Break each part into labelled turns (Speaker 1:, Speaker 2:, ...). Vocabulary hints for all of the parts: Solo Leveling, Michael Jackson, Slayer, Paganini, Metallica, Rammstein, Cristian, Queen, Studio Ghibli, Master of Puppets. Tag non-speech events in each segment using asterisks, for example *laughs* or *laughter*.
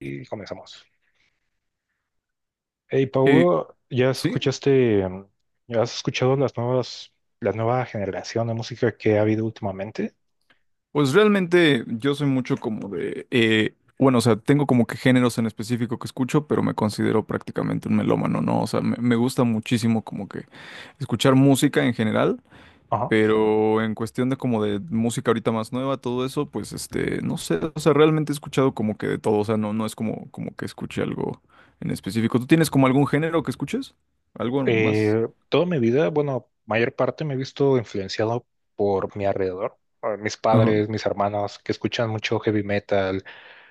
Speaker 1: Y comenzamos. Hey,
Speaker 2: Eh,
Speaker 1: Paulo, ¿ya
Speaker 2: sí,
Speaker 1: escuchaste, ya has escuchado las nuevas, la nueva generación de música que ha habido últimamente?
Speaker 2: pues realmente yo soy mucho como de, bueno, o sea, tengo como que géneros en específico que escucho, pero me considero prácticamente un melómano, ¿no? O sea, me gusta muchísimo como que escuchar música en general,
Speaker 1: Ajá.
Speaker 2: pero en cuestión de como de música ahorita más nueva, todo eso, pues este, no sé, o sea, realmente he escuchado como que de todo, o sea, no, no es como que escuche algo en específico. ¿Tú tienes como algún género que escuches? ¿Algo más?
Speaker 1: Toda mi vida, bueno, mayor parte me he visto influenciado por mi alrededor, por mis
Speaker 2: Ajá.
Speaker 1: padres, mis hermanos, que escuchan mucho heavy metal,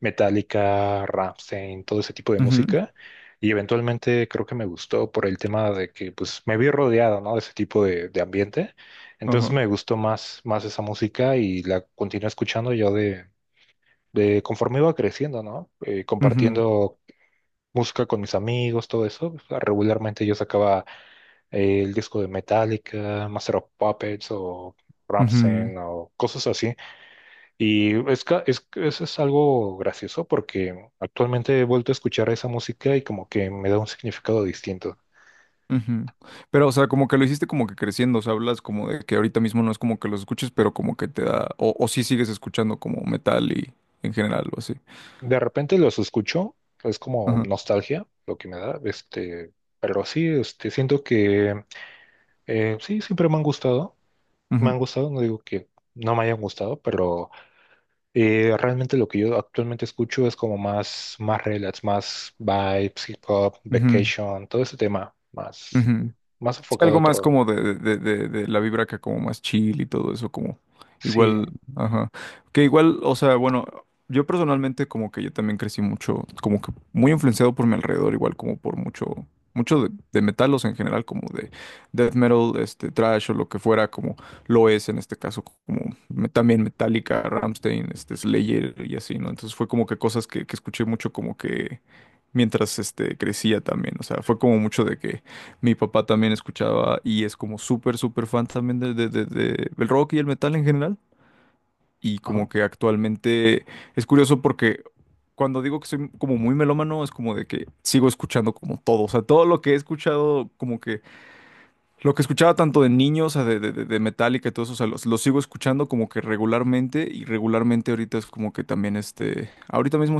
Speaker 1: Metallica, Rammstein, todo ese tipo de
Speaker 2: Ujú.
Speaker 1: música. Y eventualmente creo que me gustó por el tema de que pues me vi rodeado, ¿no? De ese tipo de ambiente. Entonces
Speaker 2: Ajá.
Speaker 1: me gustó más, más esa música y la continué escuchando yo de conforme iba creciendo, ¿no?
Speaker 2: Ujú,
Speaker 1: Compartiendo música con mis amigos, todo eso. Pues, regularmente yo sacaba el disco de Metallica, Master of Puppets o
Speaker 2: ujú.
Speaker 1: Rammstein o cosas así. Y eso es algo gracioso porque actualmente he vuelto a escuchar esa música y como que me da un significado distinto.
Speaker 2: Ujú. Pero, o sea, como que lo hiciste como que creciendo, o sea, hablas como de que ahorita mismo no es como que los escuches, pero como que te da, o sí sigues escuchando como metal y en general o así.
Speaker 1: De repente los escucho, es como
Speaker 2: Ajá.
Speaker 1: nostalgia lo que me da, este, pero sí, este, siento que sí, siempre me
Speaker 2: Ujú,
Speaker 1: han gustado, no digo que no me hayan gustado, pero... Realmente lo que yo actualmente escucho es como más, más relax, más vibes, hip hop,
Speaker 2: ujú,
Speaker 1: vacation, todo ese tema, más,
Speaker 2: ujú.
Speaker 1: más
Speaker 2: Sí,
Speaker 1: enfocado a
Speaker 2: algo más
Speaker 1: otro.
Speaker 2: como de la vibra acá como más chill y todo eso, como
Speaker 1: Sí,
Speaker 2: igual, ajá. Que igual, o sea, bueno, yo personalmente como que yo también crecí mucho, como que muy influenciado por mi alrededor, igual como por mucho, mucho de metal, o sea en general, como de death metal, este, thrash o lo que fuera, como lo es en este caso, como también Metallica, Rammstein, este, Slayer y así, ¿no? Entonces fue como que cosas que escuché mucho como que mientras, este, crecía también, o sea, fue como mucho de que mi papá también escuchaba y es como súper, súper fan también de el rock y el metal en general. Y
Speaker 1: ajá.
Speaker 2: como que actualmente es curioso porque cuando digo que soy como muy melómano es como de que sigo escuchando como todo. O sea, todo lo que he escuchado, como que lo que escuchaba tanto de niños, o sea, de Metallica y todo eso, o sea, lo sigo escuchando como que regularmente y regularmente ahorita es como que también este, ahorita mismo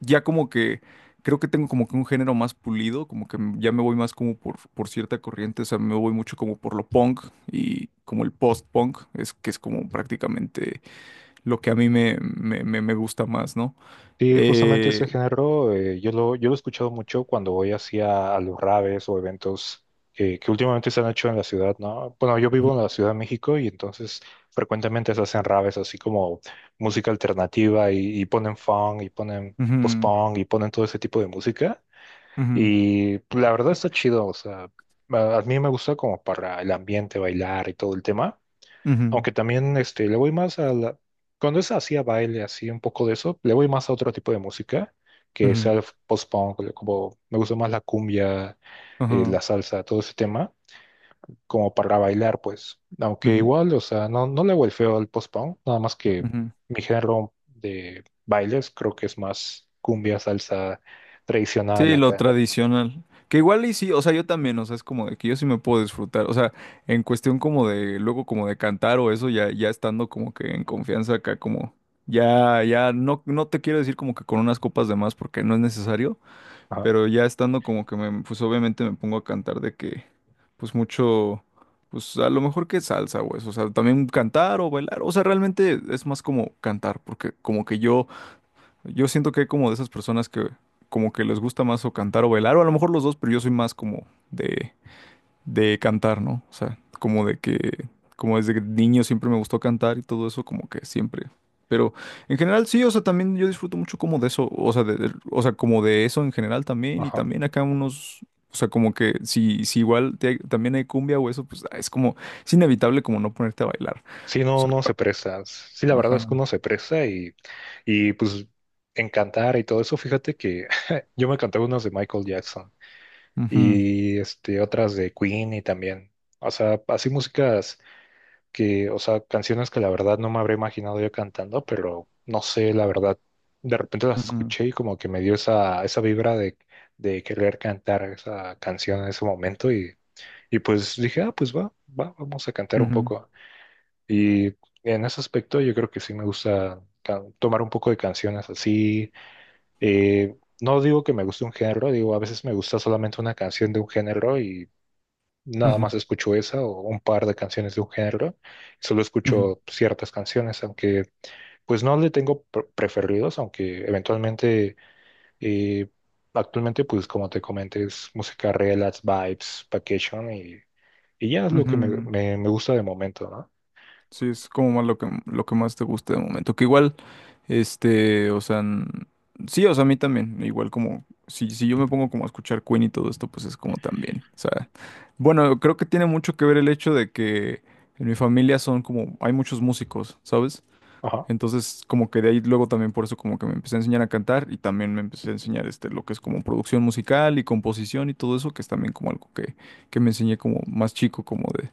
Speaker 2: ya como que creo que tengo como que un género más pulido, como que ya me voy más como por cierta corriente, o sea, me voy mucho como por lo punk y como el post-punk, es que es como prácticamente lo que a mí me gusta más, ¿no?
Speaker 1: Sí, justamente ese
Speaker 2: Eh,
Speaker 1: género, yo yo lo he escuchado mucho cuando voy hacia a los raves o eventos que últimamente se han hecho en la ciudad, ¿no? Bueno, yo vivo en la Ciudad de México y entonces frecuentemente se hacen raves así como música alternativa y ponen funk y ponen
Speaker 2: Ujú,
Speaker 1: post-punk y ponen todo ese tipo de música.
Speaker 2: ujú,
Speaker 1: Y pues, la verdad está chido, o sea, a mí me gusta como para el ambiente, bailar y todo el tema,
Speaker 2: ujú,
Speaker 1: aunque también este, le voy más a la... Cuando es así a baile, así un poco de eso, le voy más a otro tipo de música,
Speaker 2: ujú,
Speaker 1: que sea
Speaker 2: ujú,
Speaker 1: el post-punk, como me gusta más la cumbia,
Speaker 2: ajá,
Speaker 1: la salsa, todo ese tema, como para bailar, pues, aunque
Speaker 2: ujú,
Speaker 1: igual, o sea, no, no le hago el feo al post-punk, nada más que
Speaker 2: ujú.
Speaker 1: mi género de bailes creo que es más cumbia, salsa tradicional
Speaker 2: Sí, lo
Speaker 1: acá.
Speaker 2: tradicional. Que igual y sí, o sea, yo también, o sea, es como de que yo sí me puedo disfrutar, o sea, en cuestión como de, luego como de cantar o eso, ya, ya estando como que en confianza acá, como, ya, ya, no, no te quiero decir como que con unas copas de más porque no es necesario,
Speaker 1: Ajá,
Speaker 2: pero ya estando como que me, pues obviamente me pongo a cantar de que, pues mucho, pues a lo mejor que salsa o eso, o sea, también cantar o bailar, o sea, realmente es más como cantar, porque como que yo yo siento que hay como de esas personas que como que les gusta más o cantar o bailar, o a lo mejor los dos, pero yo soy más como de cantar, ¿no? O sea, como de que, como desde niño siempre me gustó cantar y todo eso, como que siempre. Pero en general sí, o sea, también yo disfruto mucho como de eso, o sea, o sea, como de eso en general también, y
Speaker 1: ajá.
Speaker 2: también acá unos, o sea, como que si igual también hay cumbia o eso, pues ah, es como, es inevitable como no ponerte a bailar.
Speaker 1: Sí,
Speaker 2: O
Speaker 1: no,
Speaker 2: sea,
Speaker 1: no se presta. Sí, la verdad es que
Speaker 2: ajá.
Speaker 1: uno se presta y pues en cantar y todo eso, fíjate que *laughs* yo me canté unas de Michael Jackson
Speaker 2: Ujú,
Speaker 1: y este, otras de Queen y también. O sea, así músicas que, o sea, canciones que la verdad no me habría imaginado yo cantando, pero no sé, la verdad, de repente las
Speaker 2: ujú,
Speaker 1: escuché y como que me dio esa, esa vibra de querer cantar esa canción en ese momento y pues dije, ah, pues va, va, vamos a cantar un
Speaker 2: ujú,
Speaker 1: poco. Y en ese aspecto yo creo que sí me gusta tomar un poco de canciones así. No digo que me guste un género, digo, a veces me gusta solamente una canción de un género y nada
Speaker 2: ujú,
Speaker 1: más escucho esa o un par de canciones de un género. Solo escucho ciertas canciones, aunque pues no le tengo preferidos, aunque eventualmente, eh, actualmente pues como te comenté es música relax, vibes, vacation y ya es
Speaker 2: ujú,
Speaker 1: lo que me,
Speaker 2: ujú.
Speaker 1: me, me gusta de momento, ¿no?
Speaker 2: Sí, es como más lo que más te guste de momento. Que igual, este, o sea, sí, o sea, a mí también. Igual como, si yo me pongo como a escuchar Queen y todo esto, pues es como también. O sea, bueno, creo que tiene mucho que ver el hecho de que en mi familia son como, hay muchos músicos, ¿sabes?
Speaker 1: Ajá.
Speaker 2: Entonces, como que de ahí luego también por eso como que me empecé a enseñar a cantar y también me empecé a enseñar este, lo que es como producción musical y composición y todo eso, que es también como algo que me enseñé como más chico, como de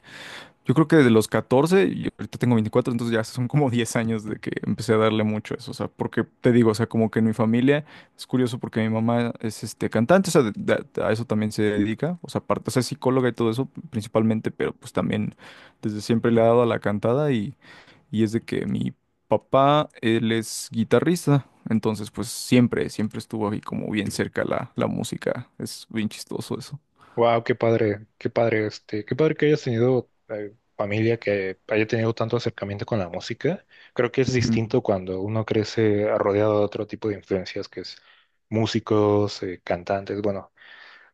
Speaker 2: yo creo que de los 14 y ahorita tengo 24 entonces ya son como 10 años de que empecé a darle mucho a eso, o sea, porque te digo, o sea, como que en mi familia es curioso porque mi mamá es este cantante, o sea, a eso también se dedica, o sea, aparte, o sea, es psicóloga y todo eso principalmente, pero pues también desde siempre le ha dado a la cantada y es de que mi papá, él es guitarrista, entonces pues siempre, siempre estuvo ahí como bien cerca la música, es bien chistoso eso.
Speaker 1: Wow, qué padre, este, qué padre que hayas tenido familia que haya tenido tanto acercamiento con la música. Creo que es
Speaker 2: Ujú,
Speaker 1: distinto cuando uno crece rodeado de otro tipo de influencias, que es músicos, cantantes. Bueno,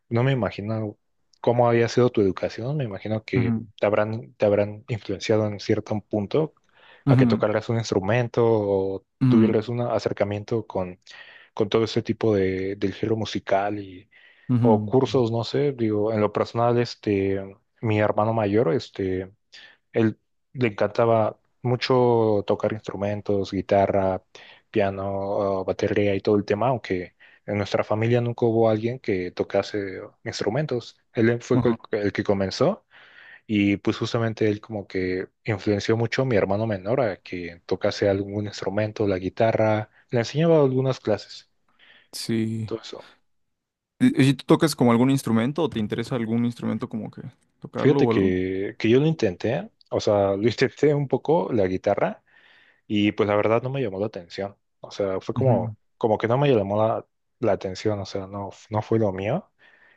Speaker 1: no me imagino cómo había sido tu educación. Me imagino que
Speaker 2: ujú,
Speaker 1: te habrán influenciado en cierto punto a que
Speaker 2: ujú,
Speaker 1: tocaras un instrumento o tuvieras un acercamiento con todo ese tipo de, del género musical y, o
Speaker 2: ujú, ujú,
Speaker 1: cursos, no sé, digo, en lo personal, este, mi hermano mayor, este, él le encantaba mucho tocar instrumentos, guitarra, piano, batería y todo el tema, aunque en nuestra familia nunca hubo alguien que tocase instrumentos. Él fue
Speaker 2: ujú.
Speaker 1: el que comenzó y pues justamente él como que influenció mucho a mi hermano menor a que tocase algún instrumento, la guitarra, le enseñaba algunas clases
Speaker 2: Sí.
Speaker 1: todo eso.
Speaker 2: ¿Y tú tocas como algún instrumento o te interesa algún instrumento como que tocarlo
Speaker 1: Fíjate
Speaker 2: o algo?
Speaker 1: que yo lo intenté, o sea, lo intenté un poco la guitarra y pues la verdad no me llamó la atención. O sea, fue
Speaker 2: Ujú,
Speaker 1: como, como que no me llamó la atención, o sea, no, no fue lo mío.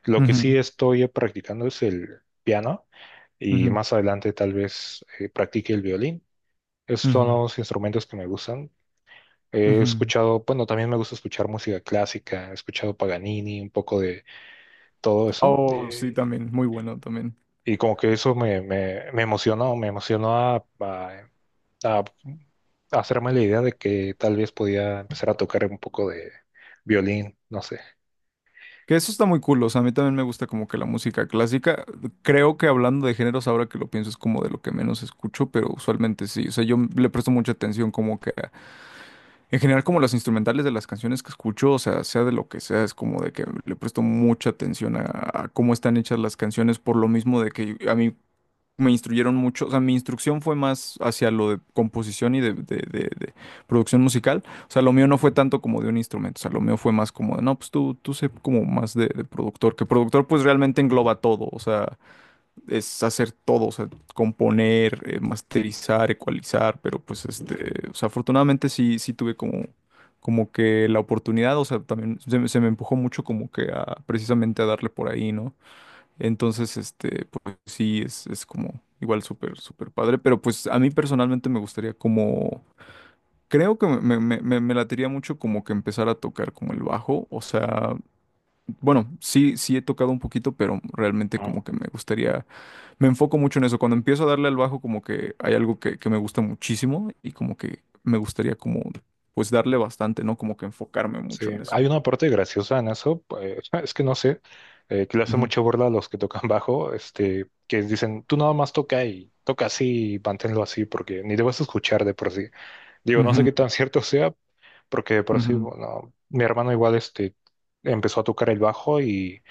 Speaker 1: Lo que
Speaker 2: ujú,
Speaker 1: sí estoy practicando es el piano y
Speaker 2: ujú,
Speaker 1: más adelante tal vez practique el violín. Esos son
Speaker 2: ujú,
Speaker 1: los instrumentos que me gustan. He
Speaker 2: ujú.
Speaker 1: escuchado, bueno, también me gusta escuchar música clásica, he escuchado Paganini, un poco de todo eso.
Speaker 2: Oh, sí, también, muy bueno también.
Speaker 1: Y como que eso me, me, me emocionó a hacerme la idea de que tal vez podía empezar a tocar un poco de violín, no sé.
Speaker 2: Que eso está muy cool, o sea, a mí también me gusta como que la música clásica. Creo que hablando de géneros, ahora que lo pienso, es como de lo que menos escucho, pero usualmente sí. O sea, yo le presto mucha atención como que en general como las instrumentales de las canciones que escucho, o sea, sea de lo que sea, es como de que le presto mucha atención a cómo están hechas las canciones, por lo mismo de que a mí me instruyeron mucho, o sea, mi instrucción fue más hacia lo de composición y de producción musical, o sea, lo mío no fue tanto como de un instrumento, o sea, lo mío fue más como de, no, pues tú sé como más de productor, que productor pues realmente engloba todo, o sea, es hacer todo, o sea, componer, masterizar, ecualizar, pero pues este, o sea, afortunadamente sí, sí tuve como... como que la oportunidad, o sea, también me se me empujó mucho como que a precisamente a darle por ahí, ¿no? Entonces, este, pues sí, es como igual súper, súper padre, pero pues a mí personalmente me gustaría como, creo que me latería mucho como que empezar a tocar como el bajo, o sea, bueno, sí, sí he tocado un poquito, pero realmente
Speaker 1: Mm,
Speaker 2: como que me gustaría, me enfoco mucho en eso, cuando empiezo a darle al bajo como que hay algo que me gusta muchísimo y como que me gustaría como, pues darle bastante, ¿no? Como que enfocarme
Speaker 1: sí,
Speaker 2: mucho en eso.
Speaker 1: hay una parte graciosa en eso, pues, *laughs* es que no sé, que le hace
Speaker 2: Ujú,
Speaker 1: mucha burla a los que tocan bajo, este, que dicen, tú nada más toca y toca así y manténlo así porque ni te vas a escuchar de por sí. Digo, no sé qué tan
Speaker 2: ujú,
Speaker 1: cierto sea, porque por sí,
Speaker 2: ujú.
Speaker 1: bueno, mi hermano igual este, empezó a tocar el bajo y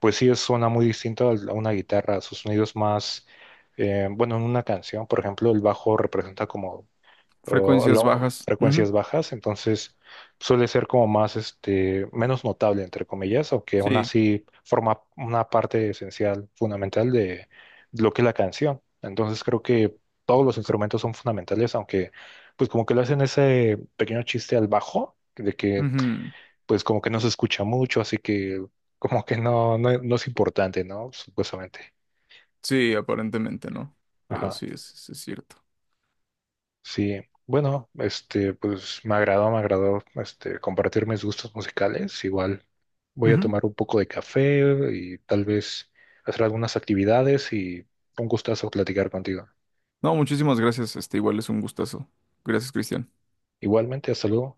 Speaker 1: pues sí suena muy distinto a una guitarra, sus sonidos más, bueno, en una canción, por ejemplo, el bajo representa como o
Speaker 2: Frecuencias
Speaker 1: no,
Speaker 2: bajas. Ujú.
Speaker 1: frecuencias bajas, entonces suele ser como más, este, menos notable, entre comillas, aunque aún
Speaker 2: Sí.
Speaker 1: así forma una parte esencial, fundamental de lo que es la canción. Entonces creo que todos los instrumentos son fundamentales, aunque pues como que le hacen ese pequeño chiste al bajo, de que
Speaker 2: Ujú.
Speaker 1: pues como que no se escucha mucho, así que como que no, no, no es importante, ¿no? Supuestamente.
Speaker 2: Sí, aparentemente no, pero sí es cierto.
Speaker 1: Sí, bueno, este, pues me agradó, este, compartir mis gustos musicales. Igual voy a
Speaker 2: Ujú.
Speaker 1: tomar un poco de café y tal vez hacer algunas actividades y un gustazo platicar contigo.
Speaker 2: No, muchísimas gracias, este igual es un gustazo. Gracias, Cristian.
Speaker 1: Igualmente, hasta luego.